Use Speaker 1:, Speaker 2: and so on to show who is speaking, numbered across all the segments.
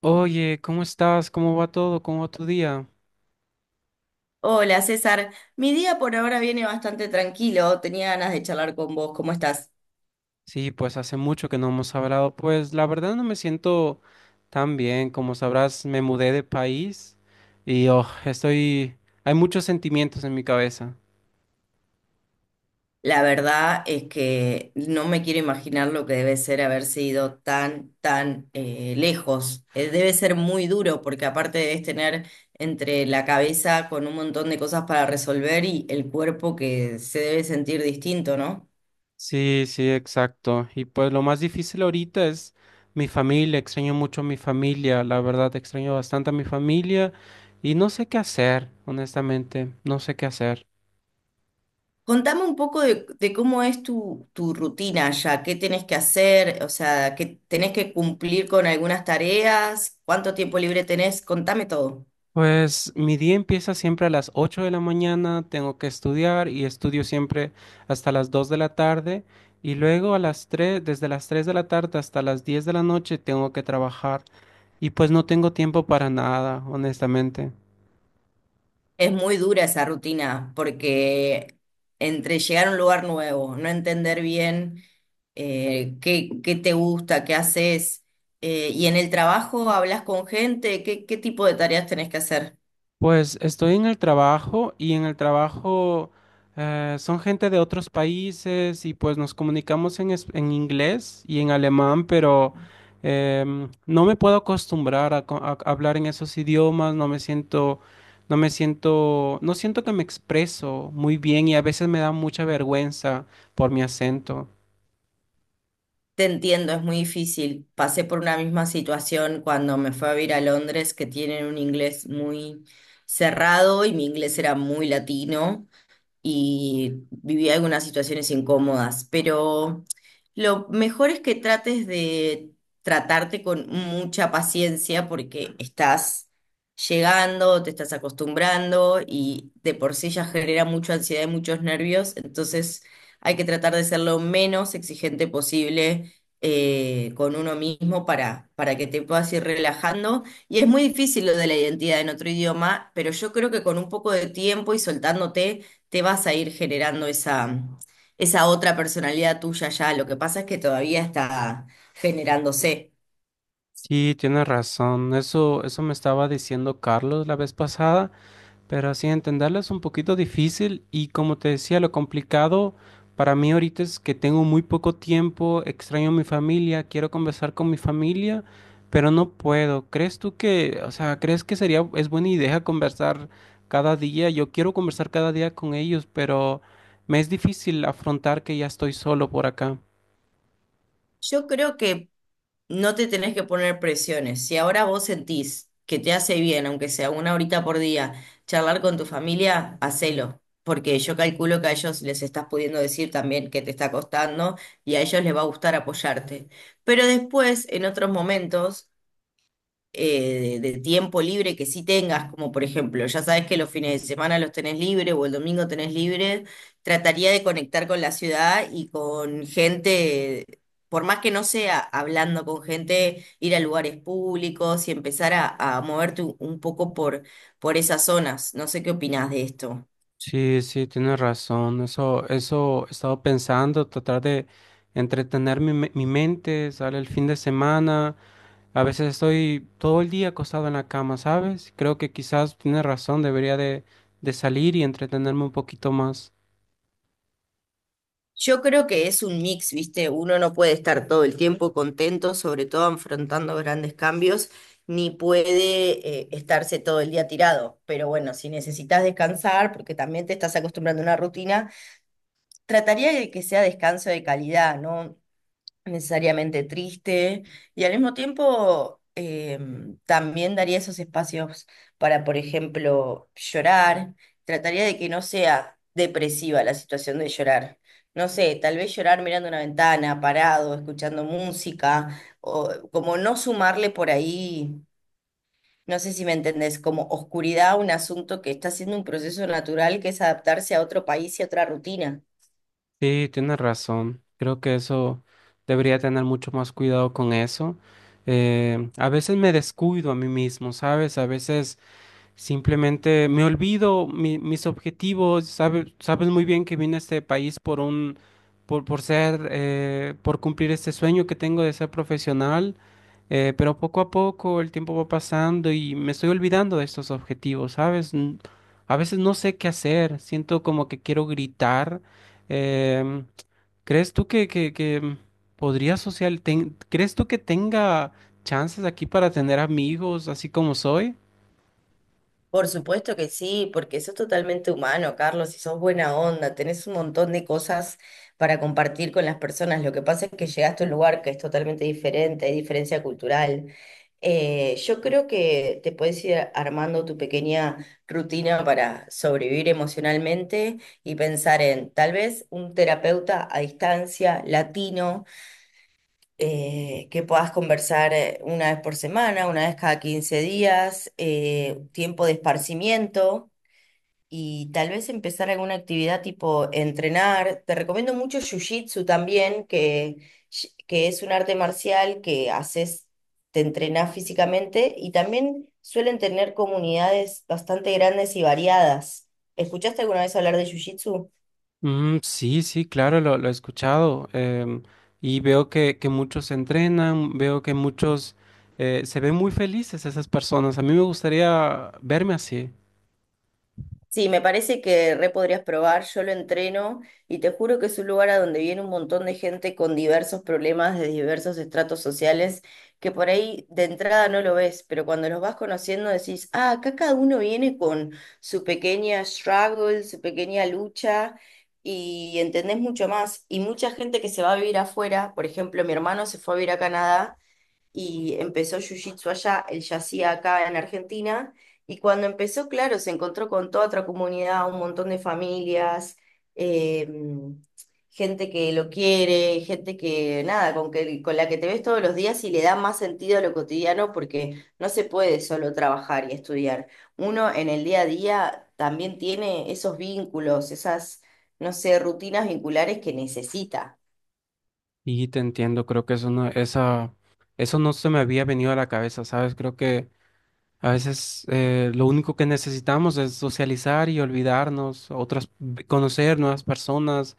Speaker 1: Oye, ¿cómo estás? ¿Cómo va todo? ¿Cómo va tu día?
Speaker 2: Hola César, mi día por ahora viene bastante tranquilo, tenía ganas de charlar con vos, ¿cómo estás?
Speaker 1: Sí, pues hace mucho que no hemos hablado. Pues la verdad no me siento tan bien. Como sabrás, me mudé de país y oh, estoy... Hay muchos sentimientos en mi cabeza.
Speaker 2: La verdad es que no me quiero imaginar lo que debe ser haberse ido tan, tan lejos. Debe ser muy duro porque aparte debes tener entre la cabeza con un montón de cosas para resolver y el cuerpo que se debe sentir distinto, ¿no?
Speaker 1: Sí, sí, exacto. Y pues lo más difícil ahorita es mi familia. Extraño mucho a mi familia. La verdad, extraño bastante a mi familia y no sé qué hacer, honestamente. No sé qué hacer.
Speaker 2: Contame un poco de cómo es tu rutina ya, qué tenés que hacer, o sea, que tenés que cumplir con algunas tareas, cuánto tiempo libre tenés, contame todo.
Speaker 1: Pues mi día empieza siempre a las 8 de la mañana, tengo que estudiar y estudio siempre hasta las 2 de la tarde y luego a las 3, desde las 3 de la tarde hasta las 10 de la noche tengo que trabajar y pues no tengo tiempo para nada, honestamente.
Speaker 2: Es muy dura esa rutina porque entre llegar a un lugar nuevo, no entender bien qué te gusta, qué haces, y en el trabajo hablas con gente, qué tipo de tareas tenés que hacer.
Speaker 1: Pues estoy en el trabajo y en el trabajo son gente de otros países y pues nos comunicamos en inglés y en alemán, pero no me puedo acostumbrar a hablar en esos idiomas, no me siento, no siento que me expreso muy bien y a veces me da mucha vergüenza por mi acento.
Speaker 2: Te entiendo, es muy difícil. Pasé por una misma situación cuando me fui a vivir a Londres, que tienen un inglés muy cerrado y mi inglés era muy latino y viví algunas situaciones incómodas, pero lo mejor es que trates de tratarte con mucha paciencia porque estás llegando, te estás acostumbrando y de por sí ya genera mucha ansiedad y muchos nervios, entonces hay que tratar de ser lo menos exigente posible. Con uno mismo para que te puedas ir relajando. Y es muy difícil lo de la identidad en otro idioma, pero yo creo que con un poco de tiempo y soltándote, te vas a ir generando esa otra personalidad tuya ya. Lo que pasa es que todavía está generándose.
Speaker 1: Sí, tienes razón. Eso me estaba diciendo Carlos la vez pasada. Pero así entenderla es un poquito difícil y como te decía, lo complicado para mí ahorita es que tengo muy poco tiempo, extraño a mi familia, quiero conversar con mi familia, pero no puedo. ¿Crees tú que crees que sería, es buena idea conversar cada día? Yo quiero conversar cada día con ellos, pero me es difícil afrontar que ya estoy solo por acá.
Speaker 2: Yo creo que no te tenés que poner presiones. Si ahora vos sentís que te hace bien, aunque sea una horita por día, charlar con tu familia, hacelo. Porque yo calculo que a ellos les estás pudiendo decir también que te está costando y a ellos les va a gustar apoyarte. Pero después, en otros momentos de tiempo libre que sí tengas, como por ejemplo, ya sabes que los fines de semana los tenés libre o el domingo tenés libre, trataría de conectar con la ciudad y con gente, por más que no sea hablando con gente, ir a lugares públicos y empezar a moverte un poco por esas zonas. No sé qué opinás de esto.
Speaker 1: Sí, sí, tienes razón. Eso he estado pensando, tratar de entretener mi mente, sale el fin de semana. A veces estoy todo el día acostado en la cama, ¿sabes? Creo que quizás tienes razón, debería de salir y entretenerme un poquito más.
Speaker 2: Yo creo que es un mix, ¿viste? Uno no puede estar todo el tiempo contento, sobre todo afrontando grandes cambios, ni puede estarse todo el día tirado. Pero bueno, si necesitas descansar, porque también te estás acostumbrando a una rutina, trataría de que sea descanso de calidad, ¿no? Necesariamente triste y al mismo tiempo también daría esos espacios para, por ejemplo, llorar. Trataría de que no sea depresiva la situación de llorar. No sé, tal vez llorar mirando una ventana, parado, escuchando música, o como no sumarle por ahí, no sé si me entendés, como oscuridad a un asunto que está siendo un proceso natural que es adaptarse a otro país y a otra rutina.
Speaker 1: Sí, tienes razón. Creo que eso debería tener mucho más cuidado con eso. A veces me descuido a mí mismo, ¿sabes? A veces simplemente me olvido mis objetivos. Sabes, sabes muy bien que vine a este país por ser, por cumplir este sueño que tengo de ser profesional. Pero poco a poco el tiempo va pasando y me estoy olvidando de estos objetivos, ¿sabes? A veces no sé qué hacer. Siento como que quiero gritar. em, ¿Crees tú que podría ¿crees tú que tenga chances aquí para tener amigos así como soy?
Speaker 2: Por supuesto que sí, porque eso es totalmente humano, Carlos, y sos buena onda, tenés un montón de cosas para compartir con las personas. Lo que pasa es que llegaste a un lugar que es totalmente diferente, hay diferencia cultural. Yo creo que te puedes ir armando tu pequeña rutina para sobrevivir emocionalmente y pensar en tal vez un terapeuta a distancia, latino, que puedas conversar una vez por semana, una vez cada 15 días, tiempo de esparcimiento y tal vez empezar alguna actividad tipo entrenar. Te recomiendo mucho Jiu-Jitsu también, que es un arte marcial que haces, te entrenás físicamente y también suelen tener comunidades bastante grandes y variadas. ¿Escuchaste alguna vez hablar de Jiu-Jitsu?
Speaker 1: Mm, sí, sí, claro, lo he escuchado y veo que muchos entrenan, veo que muchos se ven muy felices esas personas. A mí me gustaría verme así
Speaker 2: Sí, me parece que re podrías probar, yo lo entreno y te juro que es un lugar a donde viene un montón de gente con diversos problemas de diversos estratos sociales que por ahí de entrada no lo ves, pero cuando los vas conociendo decís, ah, acá cada uno viene con su pequeña struggle, su pequeña lucha y entendés mucho más. Y mucha gente que se va a vivir afuera, por ejemplo, mi hermano se fue a vivir a Canadá y empezó Jiu-Jitsu allá, él ya hacía acá en Argentina, y cuando empezó, claro, se encontró con toda otra comunidad, un montón de familias, eh, gente que lo quiere, gente que, nada, con que, con la que te ves todos los días y le da más sentido a lo cotidiano porque no se puede solo trabajar y estudiar. Uno en el día a día también tiene esos vínculos, no sé, rutinas vinculares que necesita.
Speaker 1: y te entiendo, creo que eso no se me había venido a la cabeza, ¿sabes? Creo que a veces lo único que necesitamos es socializar y olvidarnos, otras, conocer nuevas personas,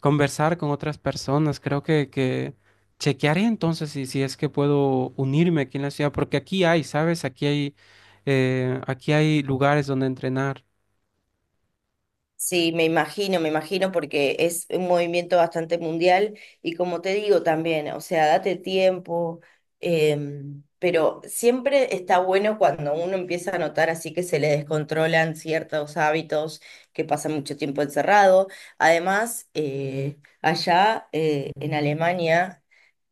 Speaker 1: conversar con otras personas. Creo que chequearé entonces si, si es que puedo unirme aquí en la ciudad, porque aquí hay, ¿sabes? Aquí hay lugares donde entrenar.
Speaker 2: Sí, me imagino, porque es un movimiento bastante mundial y como te digo también, o sea, date tiempo, pero siempre está bueno cuando uno empieza a notar así que se le descontrolan ciertos hábitos, que pasa mucho tiempo encerrado. Además, allá en Alemania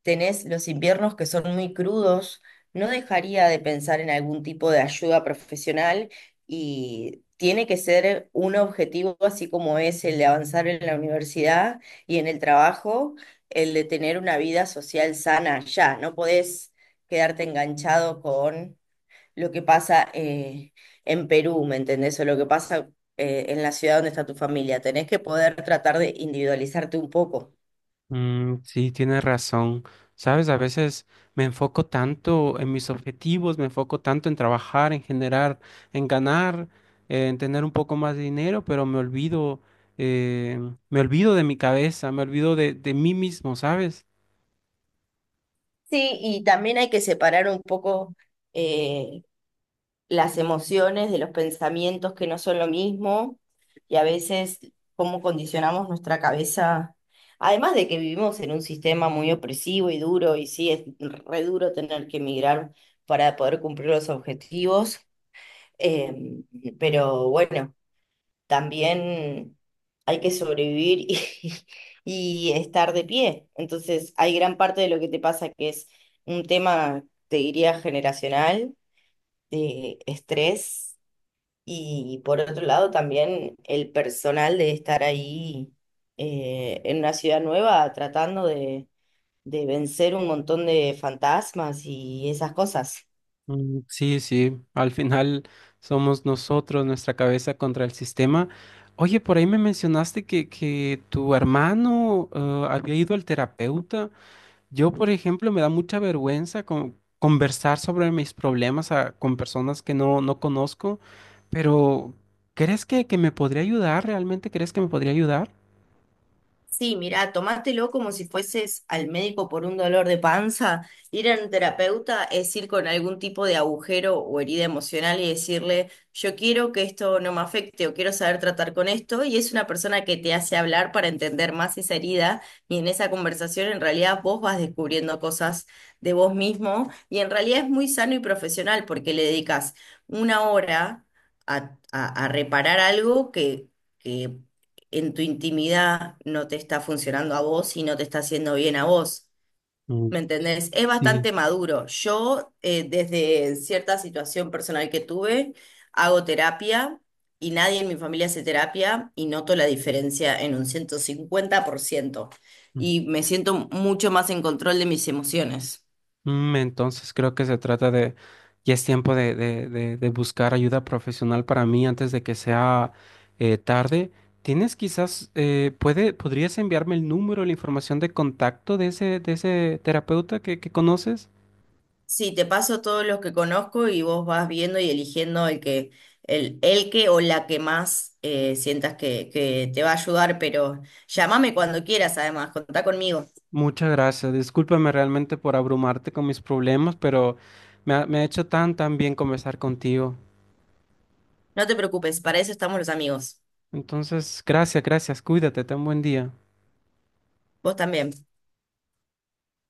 Speaker 2: tenés los inviernos que son muy crudos, no dejaría de pensar en algún tipo de ayuda profesional y tiene que ser un objetivo, así como es el de avanzar en la universidad y en el trabajo, el de tener una vida social sana ya. No podés quedarte enganchado con lo que pasa en Perú, ¿me entendés? O lo que pasa en la ciudad donde está tu familia. Tenés que poder tratar de individualizarte un poco.
Speaker 1: Mm, sí, tienes razón. ¿Sabes? A veces me enfoco tanto en mis objetivos, me enfoco tanto en trabajar, en generar, en ganar, en tener un poco más de dinero, pero eh, me olvido de mi cabeza, me olvido de mí mismo, ¿sabes?
Speaker 2: Sí, y también hay que separar un poco eh, las emociones de los pensamientos que no son lo mismo y a veces cómo condicionamos nuestra cabeza. Además de que vivimos en un sistema muy opresivo y duro, y sí, es re duro tener que emigrar para poder cumplir los objetivos, eh, pero bueno también hay que sobrevivir y estar de pie. Entonces, hay gran parte de lo que te pasa que es un tema, te diría, generacional, de estrés, y por otro lado también el personal de estar ahí en una ciudad nueva tratando de vencer un montón de fantasmas y esas cosas.
Speaker 1: Mm, sí, sí, al final somos nosotros, nuestra cabeza contra el sistema. Oye, por ahí me mencionaste que tu hermano había ido al terapeuta. Yo, por ejemplo, me da mucha vergüenza conversar sobre mis problemas con personas que no, no conozco, pero ¿crees que me podría ayudar? ¿Realmente crees que me podría ayudar?
Speaker 2: Sí, mirá, tomátelo como si fueses al médico por un dolor de panza. Ir a un terapeuta es ir con algún tipo de agujero o herida emocional y decirle, yo quiero que esto no me afecte o quiero saber tratar con esto. Y es una persona que te hace hablar para entender más esa herida. Y en esa conversación en realidad vos vas descubriendo cosas de vos mismo. Y en realidad es muy sano y profesional porque le dedicas una hora a reparar algo que en tu intimidad no te está funcionando a vos y no te está haciendo bien a vos. ¿Me
Speaker 1: Mm,
Speaker 2: entendés? Es
Speaker 1: sí.
Speaker 2: bastante maduro. Yo, desde cierta situación personal que tuve, hago terapia y nadie en mi familia hace terapia y noto la diferencia en un 150% y me siento mucho más en control de mis emociones.
Speaker 1: Mm, entonces creo que se trata de, ya es tiempo de, de buscar ayuda profesional para mí antes de que sea tarde. ¿Tienes quizás, puede, podrías enviarme el número, la información de contacto de ese terapeuta que conoces?
Speaker 2: Sí, te paso todos los que conozco y vos vas viendo y eligiendo el que, el que o la que más sientas que te va a ayudar, pero llámame cuando quieras, además, contá conmigo.
Speaker 1: Muchas gracias. Discúlpame realmente por abrumarte con mis problemas, pero me ha hecho tan, tan bien conversar contigo.
Speaker 2: No te preocupes, para eso estamos los amigos.
Speaker 1: Entonces, gracias, gracias. Cuídate, ten buen día.
Speaker 2: Vos también.